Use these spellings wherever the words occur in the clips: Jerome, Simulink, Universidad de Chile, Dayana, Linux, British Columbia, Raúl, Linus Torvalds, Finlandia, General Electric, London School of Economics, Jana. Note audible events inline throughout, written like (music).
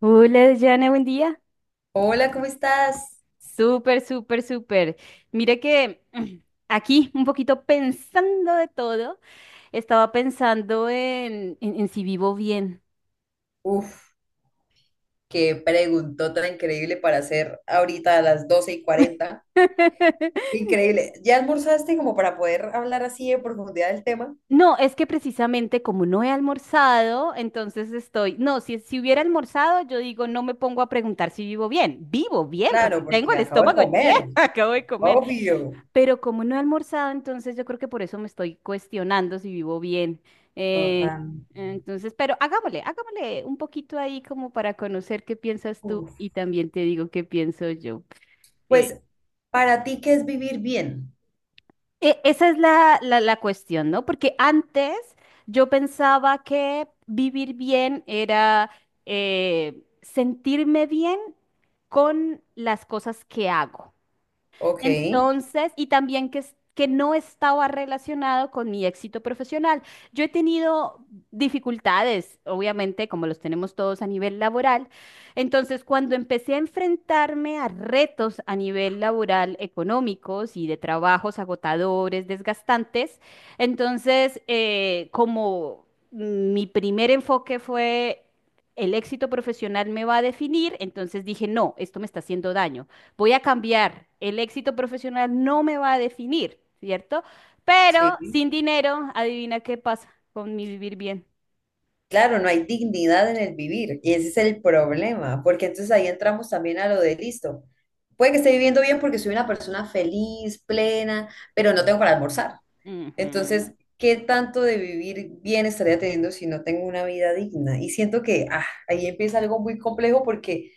Hola, Jana, buen día. Hola, ¿cómo estás? Súper, súper, súper. Mira que (clears throat) aquí, un poquito pensando de todo, estaba pensando en si vivo bien. Uf, qué preguntó tan increíble para hacer ahorita a las 12:40. (laughs) Increíble. ¿Ya almorzaste como para poder hablar así en profundidad del tema? No, es que precisamente como no he almorzado, entonces estoy, no, si hubiera almorzado, yo digo, no me pongo a preguntar si vivo bien. Vivo bien porque Claro, tengo porque el acabo de estómago lleno, comer. (laughs) acabo de comer. Obvio. Pero como no he almorzado, entonces yo creo que por eso me estoy cuestionando si vivo bien. Eh, Total. entonces, pero hagámosle un poquito ahí como para conocer qué piensas tú Uf. y también te digo qué pienso yo. Eh, Pues, ¿para ti qué es vivir bien? esa es la cuestión, ¿no? Porque antes yo pensaba que vivir bien era sentirme bien con las cosas que hago. Ok. Entonces, y también que no estaba relacionado con mi éxito profesional. Yo he tenido dificultades, obviamente, como los tenemos todos a nivel laboral. Entonces, cuando empecé a enfrentarme a retos a nivel laboral, económicos y de trabajos agotadores, desgastantes, entonces, como mi primer enfoque fue... El éxito profesional me va a definir, entonces dije, no, esto me está haciendo daño, voy a cambiar. El éxito profesional no me va a definir, ¿cierto? Pero Sí, sin dinero, adivina qué pasa con mi vivir bien. claro, no hay dignidad en el vivir y ese es el problema, porque entonces ahí entramos también a lo de listo. Puede que esté viviendo bien porque soy una persona feliz, plena, pero no tengo para almorzar. Entonces, Ujú. ¿qué tanto de vivir bien estaría teniendo si no tengo una vida digna? Y siento que ahí empieza algo muy complejo porque,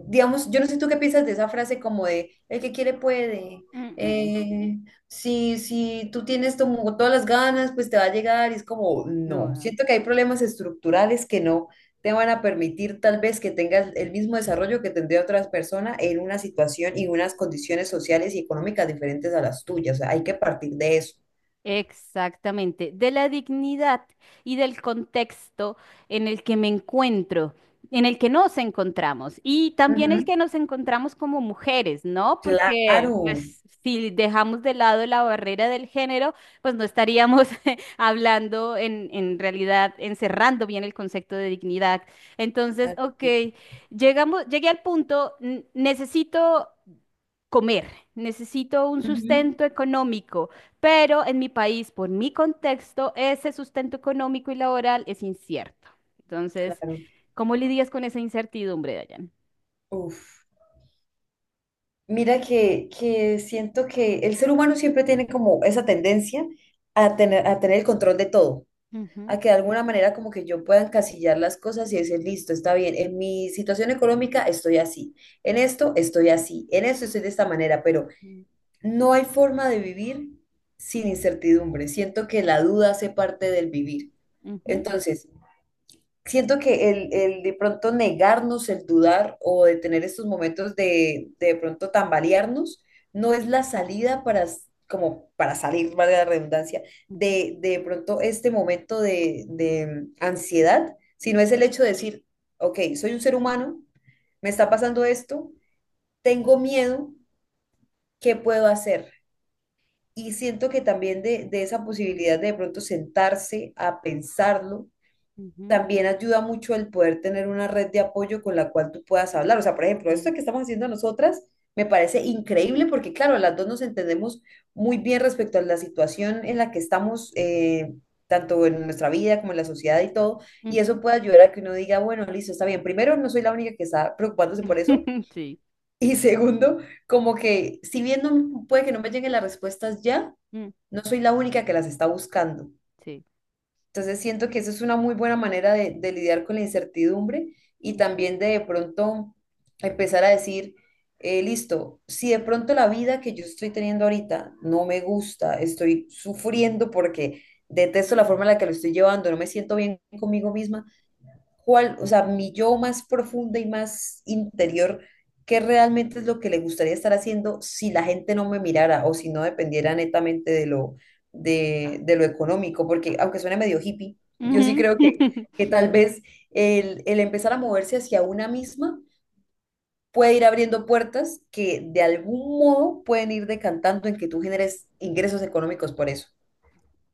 digamos, yo no sé tú qué piensas de esa frase como de el que quiere puede. Mm, mm. Eh, si tú tienes como todas las ganas, pues te va a llegar. Y es como, no, No. siento que hay problemas estructurales que no te van a permitir tal vez que tengas el mismo desarrollo que tendría otras personas en una situación y unas condiciones sociales y económicas diferentes a las tuyas. O sea, hay que partir de eso. Exactamente, de la dignidad y del contexto en el que me encuentro, en el que nos encontramos y también el Ujú. que nos encontramos como mujeres, ¿no? Porque Claro. pues, si dejamos de lado la barrera del género, pues no estaríamos (laughs) hablando en realidad, encerrando bien el concepto de dignidad. Entonces, ok, llegamos, llegué al punto, necesito comer, necesito un Ujú. sustento económico, pero en mi país, por mi contexto, ese sustento económico y laboral es incierto. Entonces, Claro. ¿cómo lidias con esa incertidumbre, Dayan? Uf. Mira que siento que el ser humano siempre tiene como esa tendencia a tener el control de todo, Ujú. a que de alguna manera como que yo pueda encasillar las cosas y decir, listo, está bien, en mi situación económica estoy así, en esto estoy así, en esto estoy de esta manera, pero Mm. no hay forma de vivir sin incertidumbre. Siento que la duda hace parte del vivir. Ujú. Entonces, siento que el de pronto negarnos, el dudar o de tener estos momentos de, pronto tambalearnos, no es la salida para, como para salir, valga la redundancia, Ujú. De pronto este momento de ansiedad, sino es el hecho de decir, ok, soy un ser humano, me está pasando esto, tengo miedo, ¿qué puedo hacer? Y siento que también de esa posibilidad de pronto sentarse a pensarlo Ujú. también ayuda mucho el poder tener una red de apoyo con la cual tú puedas hablar. O sea, por ejemplo, esto Mm. que estamos haciendo nosotras me parece increíble porque, claro, las dos nos entendemos muy bien respecto a la situación en la que estamos, tanto en nuestra vida como en la sociedad y todo. Ujú. Y Ujú. eso puede ayudar a que uno diga, bueno, listo, está bien. Primero, no soy la única que está preocupándose por eso. (laughs) (laughs) Sí. Y segundo, como que si bien puede que no me lleguen las respuestas ya, Mm. no soy la única que las está buscando. Sí. Entonces siento que eso es una muy buena manera de lidiar con la incertidumbre y Mm. también de pronto empezar a decir, listo, si de pronto la vida que yo estoy teniendo ahorita no me gusta, estoy sufriendo porque detesto la forma en la que lo estoy llevando, no me siento bien conmigo misma, cuál, o sea, mi yo más profunda y más interior, qué realmente es lo que le gustaría estar haciendo si la gente no me mirara o si no dependiera netamente de lo económico, porque aunque suene medio hippie, yo sí Ujú. creo (laughs) que tal vez el empezar a moverse hacia una misma puede ir abriendo puertas que de algún modo pueden ir decantando en que tú generes ingresos económicos por eso.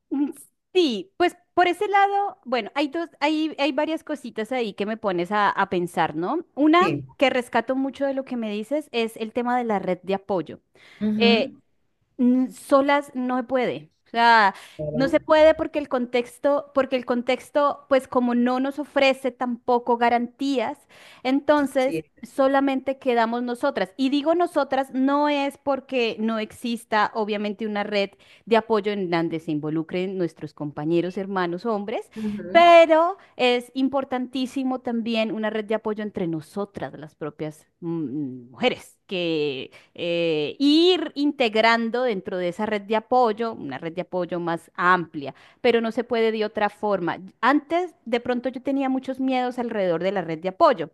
Mm. Sí, pues por ese lado, bueno, hay dos, hay varias cositas ahí que me pones a pensar, ¿no? Una Sí. que rescato mucho de lo que me dices es el tema de la red de apoyo. Eh, Ujú. solas no se puede. O sea, no se Claro, puede porque el contexto, pues como no nos ofrece tampoco garantías, sí. entonces solamente quedamos nosotras. Y digo nosotras, no es porque no exista obviamente una red de apoyo en donde se involucren nuestros compañeros, hermanos, hombres, Ujú. pero es importantísimo también una red de apoyo entre nosotras, las propias mujeres, que ir integrando dentro de esa red de apoyo, una red de apoyo más amplia, pero no se puede de otra forma. Antes, de pronto yo tenía muchos miedos alrededor de la red de apoyo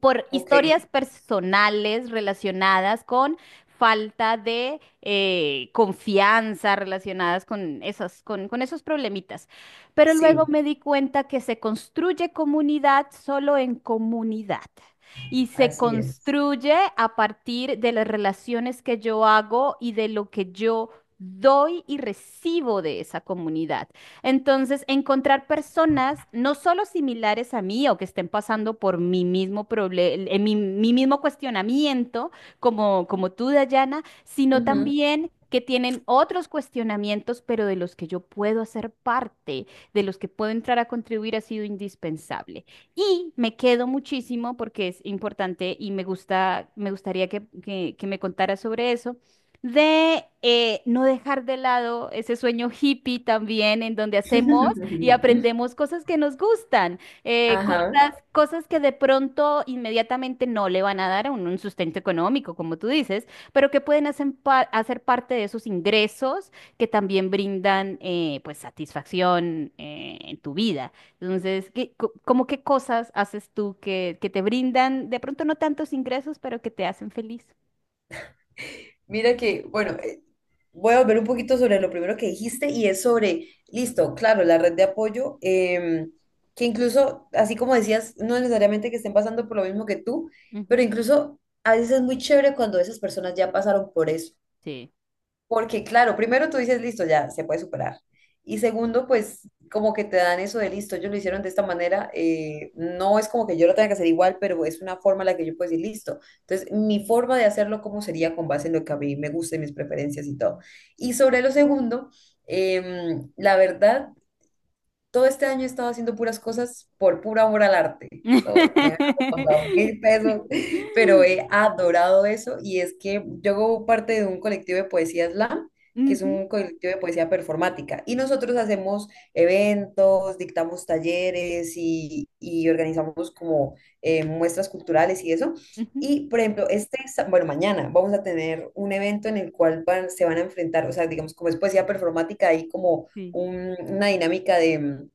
por Ok, historias personales relacionadas con falta de confianza, relacionadas con esas, con esos problemitas. Pero luego sí, me di cuenta que se construye comunidad solo en comunidad. Y se así es. construye a partir de las relaciones que yo hago y de lo que yo doy y recibo de esa comunidad. Entonces, encontrar personas no solo similares a mí o que estén pasando por mi mismo problema, mi mismo cuestionamiento, como, como tú, Dayana, sino Ujú. también que tienen otros cuestionamientos, pero de los que yo puedo hacer parte, de los que puedo entrar a contribuir, ha sido indispensable. Y me quedo muchísimo porque es importante y me gusta, me gustaría que me contaras sobre eso de no dejar de lado ese sueño hippie también, en donde hacemos y (laughs) aprendemos cosas que nos gustan, eh, co- Ajá. cosas que de pronto inmediatamente no le van a dar a uno un sustento económico, como tú dices, pero que pueden hacer, hacer parte de esos ingresos que también brindan pues satisfacción en tu vida. Entonces, ¿Cómo qué cosas haces tú que, te brindan de pronto no tantos ingresos, pero que te hacen feliz? Mira que, bueno, voy a volver un poquito sobre lo primero que dijiste y es sobre, listo, claro, la red de apoyo, que incluso, así como decías, no necesariamente que estén pasando por lo mismo que tú, pero Ujú. incluso a veces es muy chévere cuando esas personas ya pasaron por eso. Porque, claro, primero tú dices, listo, ya se puede superar. Y segundo, pues como que te dan eso de listo, ellos lo hicieron de esta manera, no es como que yo lo tenga que hacer igual, pero es una forma en la que yo puedo decir listo. Entonces, mi forma de hacerlo, ¿cómo sería con base en lo que a mí me gusta y mis preferencias y todo? Y sobre lo segundo, la verdad, todo este año he estado haciendo puras cosas por pura amor al (laughs) arte. So, me han Ujú. costado 1000 pesos, (laughs) pero he adorado eso y es que yo hago parte de un colectivo de poesía slam, que es un colectivo de poesía performática y nosotros hacemos eventos, dictamos talleres y organizamos como muestras culturales y eso. Ujú. Y, por ejemplo, bueno, mañana vamos a tener un evento en el cual se van a enfrentar, o sea, digamos, como es poesía performática, hay como Sí. Una dinámica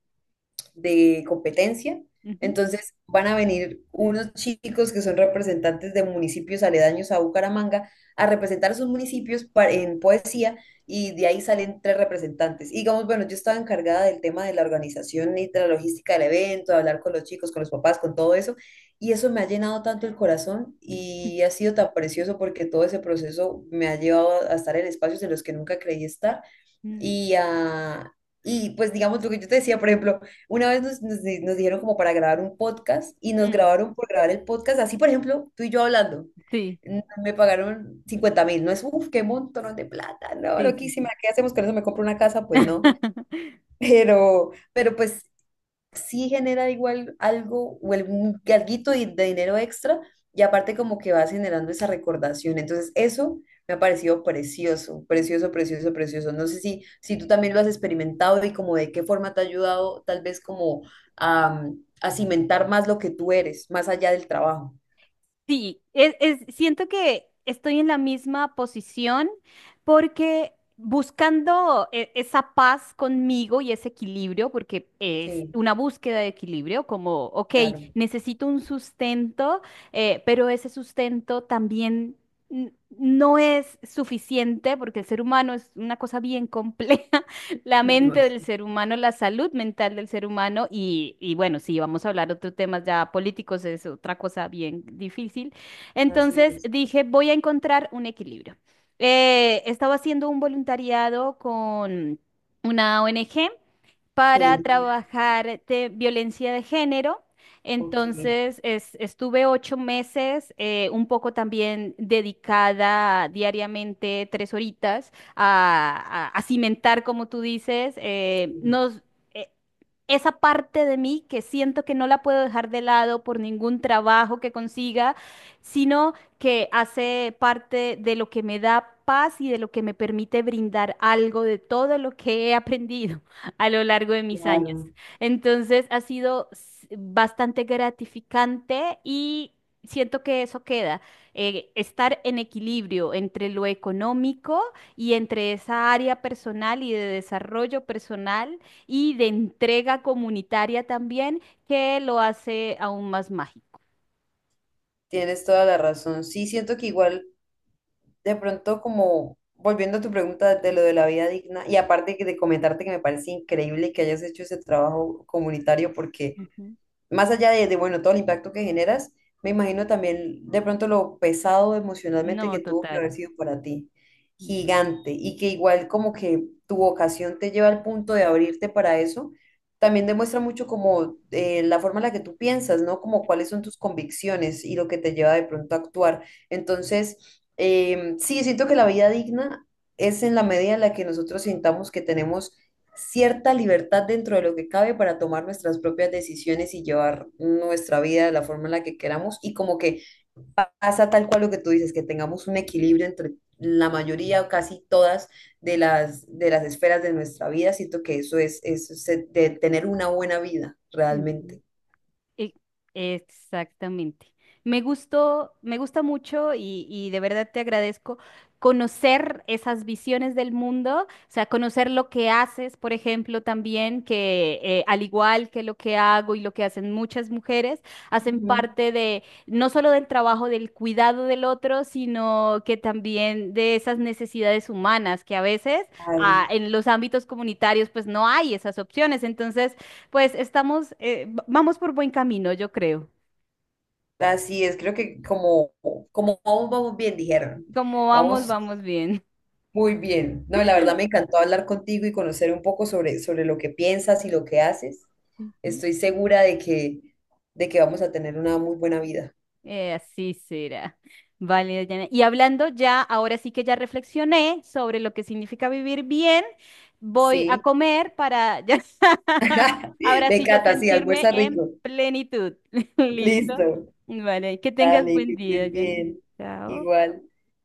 de competencia. Ujú. Entonces van a venir unos chicos que son representantes de municipios aledaños a Bucaramanga a representar a sus municipios en poesía y de ahí salen tres representantes. Y digamos, bueno, yo estaba encargada del tema de la organización y de la logística del evento, de hablar con los chicos, con los papás, con todo eso. Y eso me ha llenado tanto el corazón Ujú. y ha sido tan precioso porque todo ese proceso me ha llevado a estar en espacios en los que nunca creí estar y, y pues digamos lo que yo te decía, por ejemplo, una vez nos dijeron como para grabar un podcast y nos Mm. grabaron por grabar el podcast, así por ejemplo, tú y yo hablando. Sí, Me pagaron 50 000, no es, uff, qué montón de plata, no, sí, sí, loquísima, sí. ¿qué hacemos con eso? ¿Me compro una casa? Pues no, (laughs) pero pues sí genera igual algo o algún alguito de dinero extra y aparte como que vas generando esa recordación. Entonces eso me ha parecido precioso, precioso, precioso, precioso. No sé si, si tú también lo has experimentado y como de qué forma te ha ayudado tal vez como a, a cimentar más lo que tú eres, más allá del trabajo. Sí, es, siento que estoy en la misma posición porque buscando esa paz conmigo y ese equilibrio, porque es Sí, una búsqueda de equilibrio, como, ok, claro. necesito un sustento, pero ese sustento también no es suficiente porque el ser humano es una cosa bien compleja. (laughs) La mente del Demasiado. ser humano, la salud mental del ser humano y bueno, si vamos a hablar otros temas ya políticos, es otra cosa bien difícil. Así Entonces es. dije, voy a encontrar un equilibrio. Estaba haciendo un voluntariado con una ONG para Genial. trabajar de violencia de género. Ok, Entonces, estuve 8 meses, un poco también dedicada diariamente 3 horitas a cimentar, como tú dices, sí, eh, esa parte de mí que siento que no la puedo dejar de lado por ningún trabajo que consiga, sino que hace parte de lo que me da paz y de lo que me permite brindar algo de todo lo que he aprendido a lo largo de mis años. claro. Entonces ha sido bastante gratificante y siento que eso queda, estar en equilibrio entre lo económico y entre esa área personal y de desarrollo personal y de entrega comunitaria también, que lo hace aún más mágico. Tienes toda la razón. Sí, siento que igual, de pronto como volviendo a tu pregunta de lo de la vida digna, y aparte que de comentarte que me parece increíble que hayas hecho ese trabajo comunitario porque Ujú. más allá de, bueno, todo el impacto que generas, me imagino también de pronto lo pesado emocionalmente No, que tuvo que total. haber sido para ti, gigante, y que igual como que tu vocación te lleva al punto de abrirte para eso, también demuestra mucho como la forma en la que tú piensas, ¿no? Como cuáles son tus convicciones y lo que te lleva de pronto a actuar. Entonces, sí, siento que la vida digna es en la medida en la que nosotros sintamos que tenemos cierta libertad dentro de lo que cabe para tomar nuestras propias decisiones y llevar nuestra vida de la forma en la que queramos y como que pasa tal cual lo que tú dices, que tengamos un equilibrio entre la mayoría o casi todas de las esferas de nuestra vida. Siento que eso es, de tener una buena vida Ujú. realmente. E- Exactamente. Me gustó, me gusta mucho y de verdad te agradezco conocer esas visiones del mundo, o sea, conocer lo que haces, por ejemplo, también, que al igual que lo que hago y lo que hacen muchas mujeres, hacen Ujú. parte de no solo del trabajo del cuidado del otro, sino que también de esas necesidades humanas que a veces Ay, en los ámbitos comunitarios pues no hay esas opciones. Entonces, pues estamos, vamos por buen camino, yo creo. así es, creo que como, como vamos, vamos bien, dijeron. Como vamos, Vamos. vamos bien. Muy bien. No, la verdad me encantó hablar contigo y conocer un poco sobre, sobre lo que piensas y lo que haces. (laughs) Ujú. Estoy segura de que vamos a tener una muy buena vida. Así será. Vale, Dayana. Y hablando ya, ahora sí que ya reflexioné sobre lo que significa vivir bien, voy a Sí. comer para ya, (laughs) (laughs) ahora Me sí ya encanta, sí, sentirme almuerza en rico. plenitud. (laughs) ¿Listo? Listo. Vale, que tengas Dale, buen que día, estés Dayana. bien. Chao. Igual.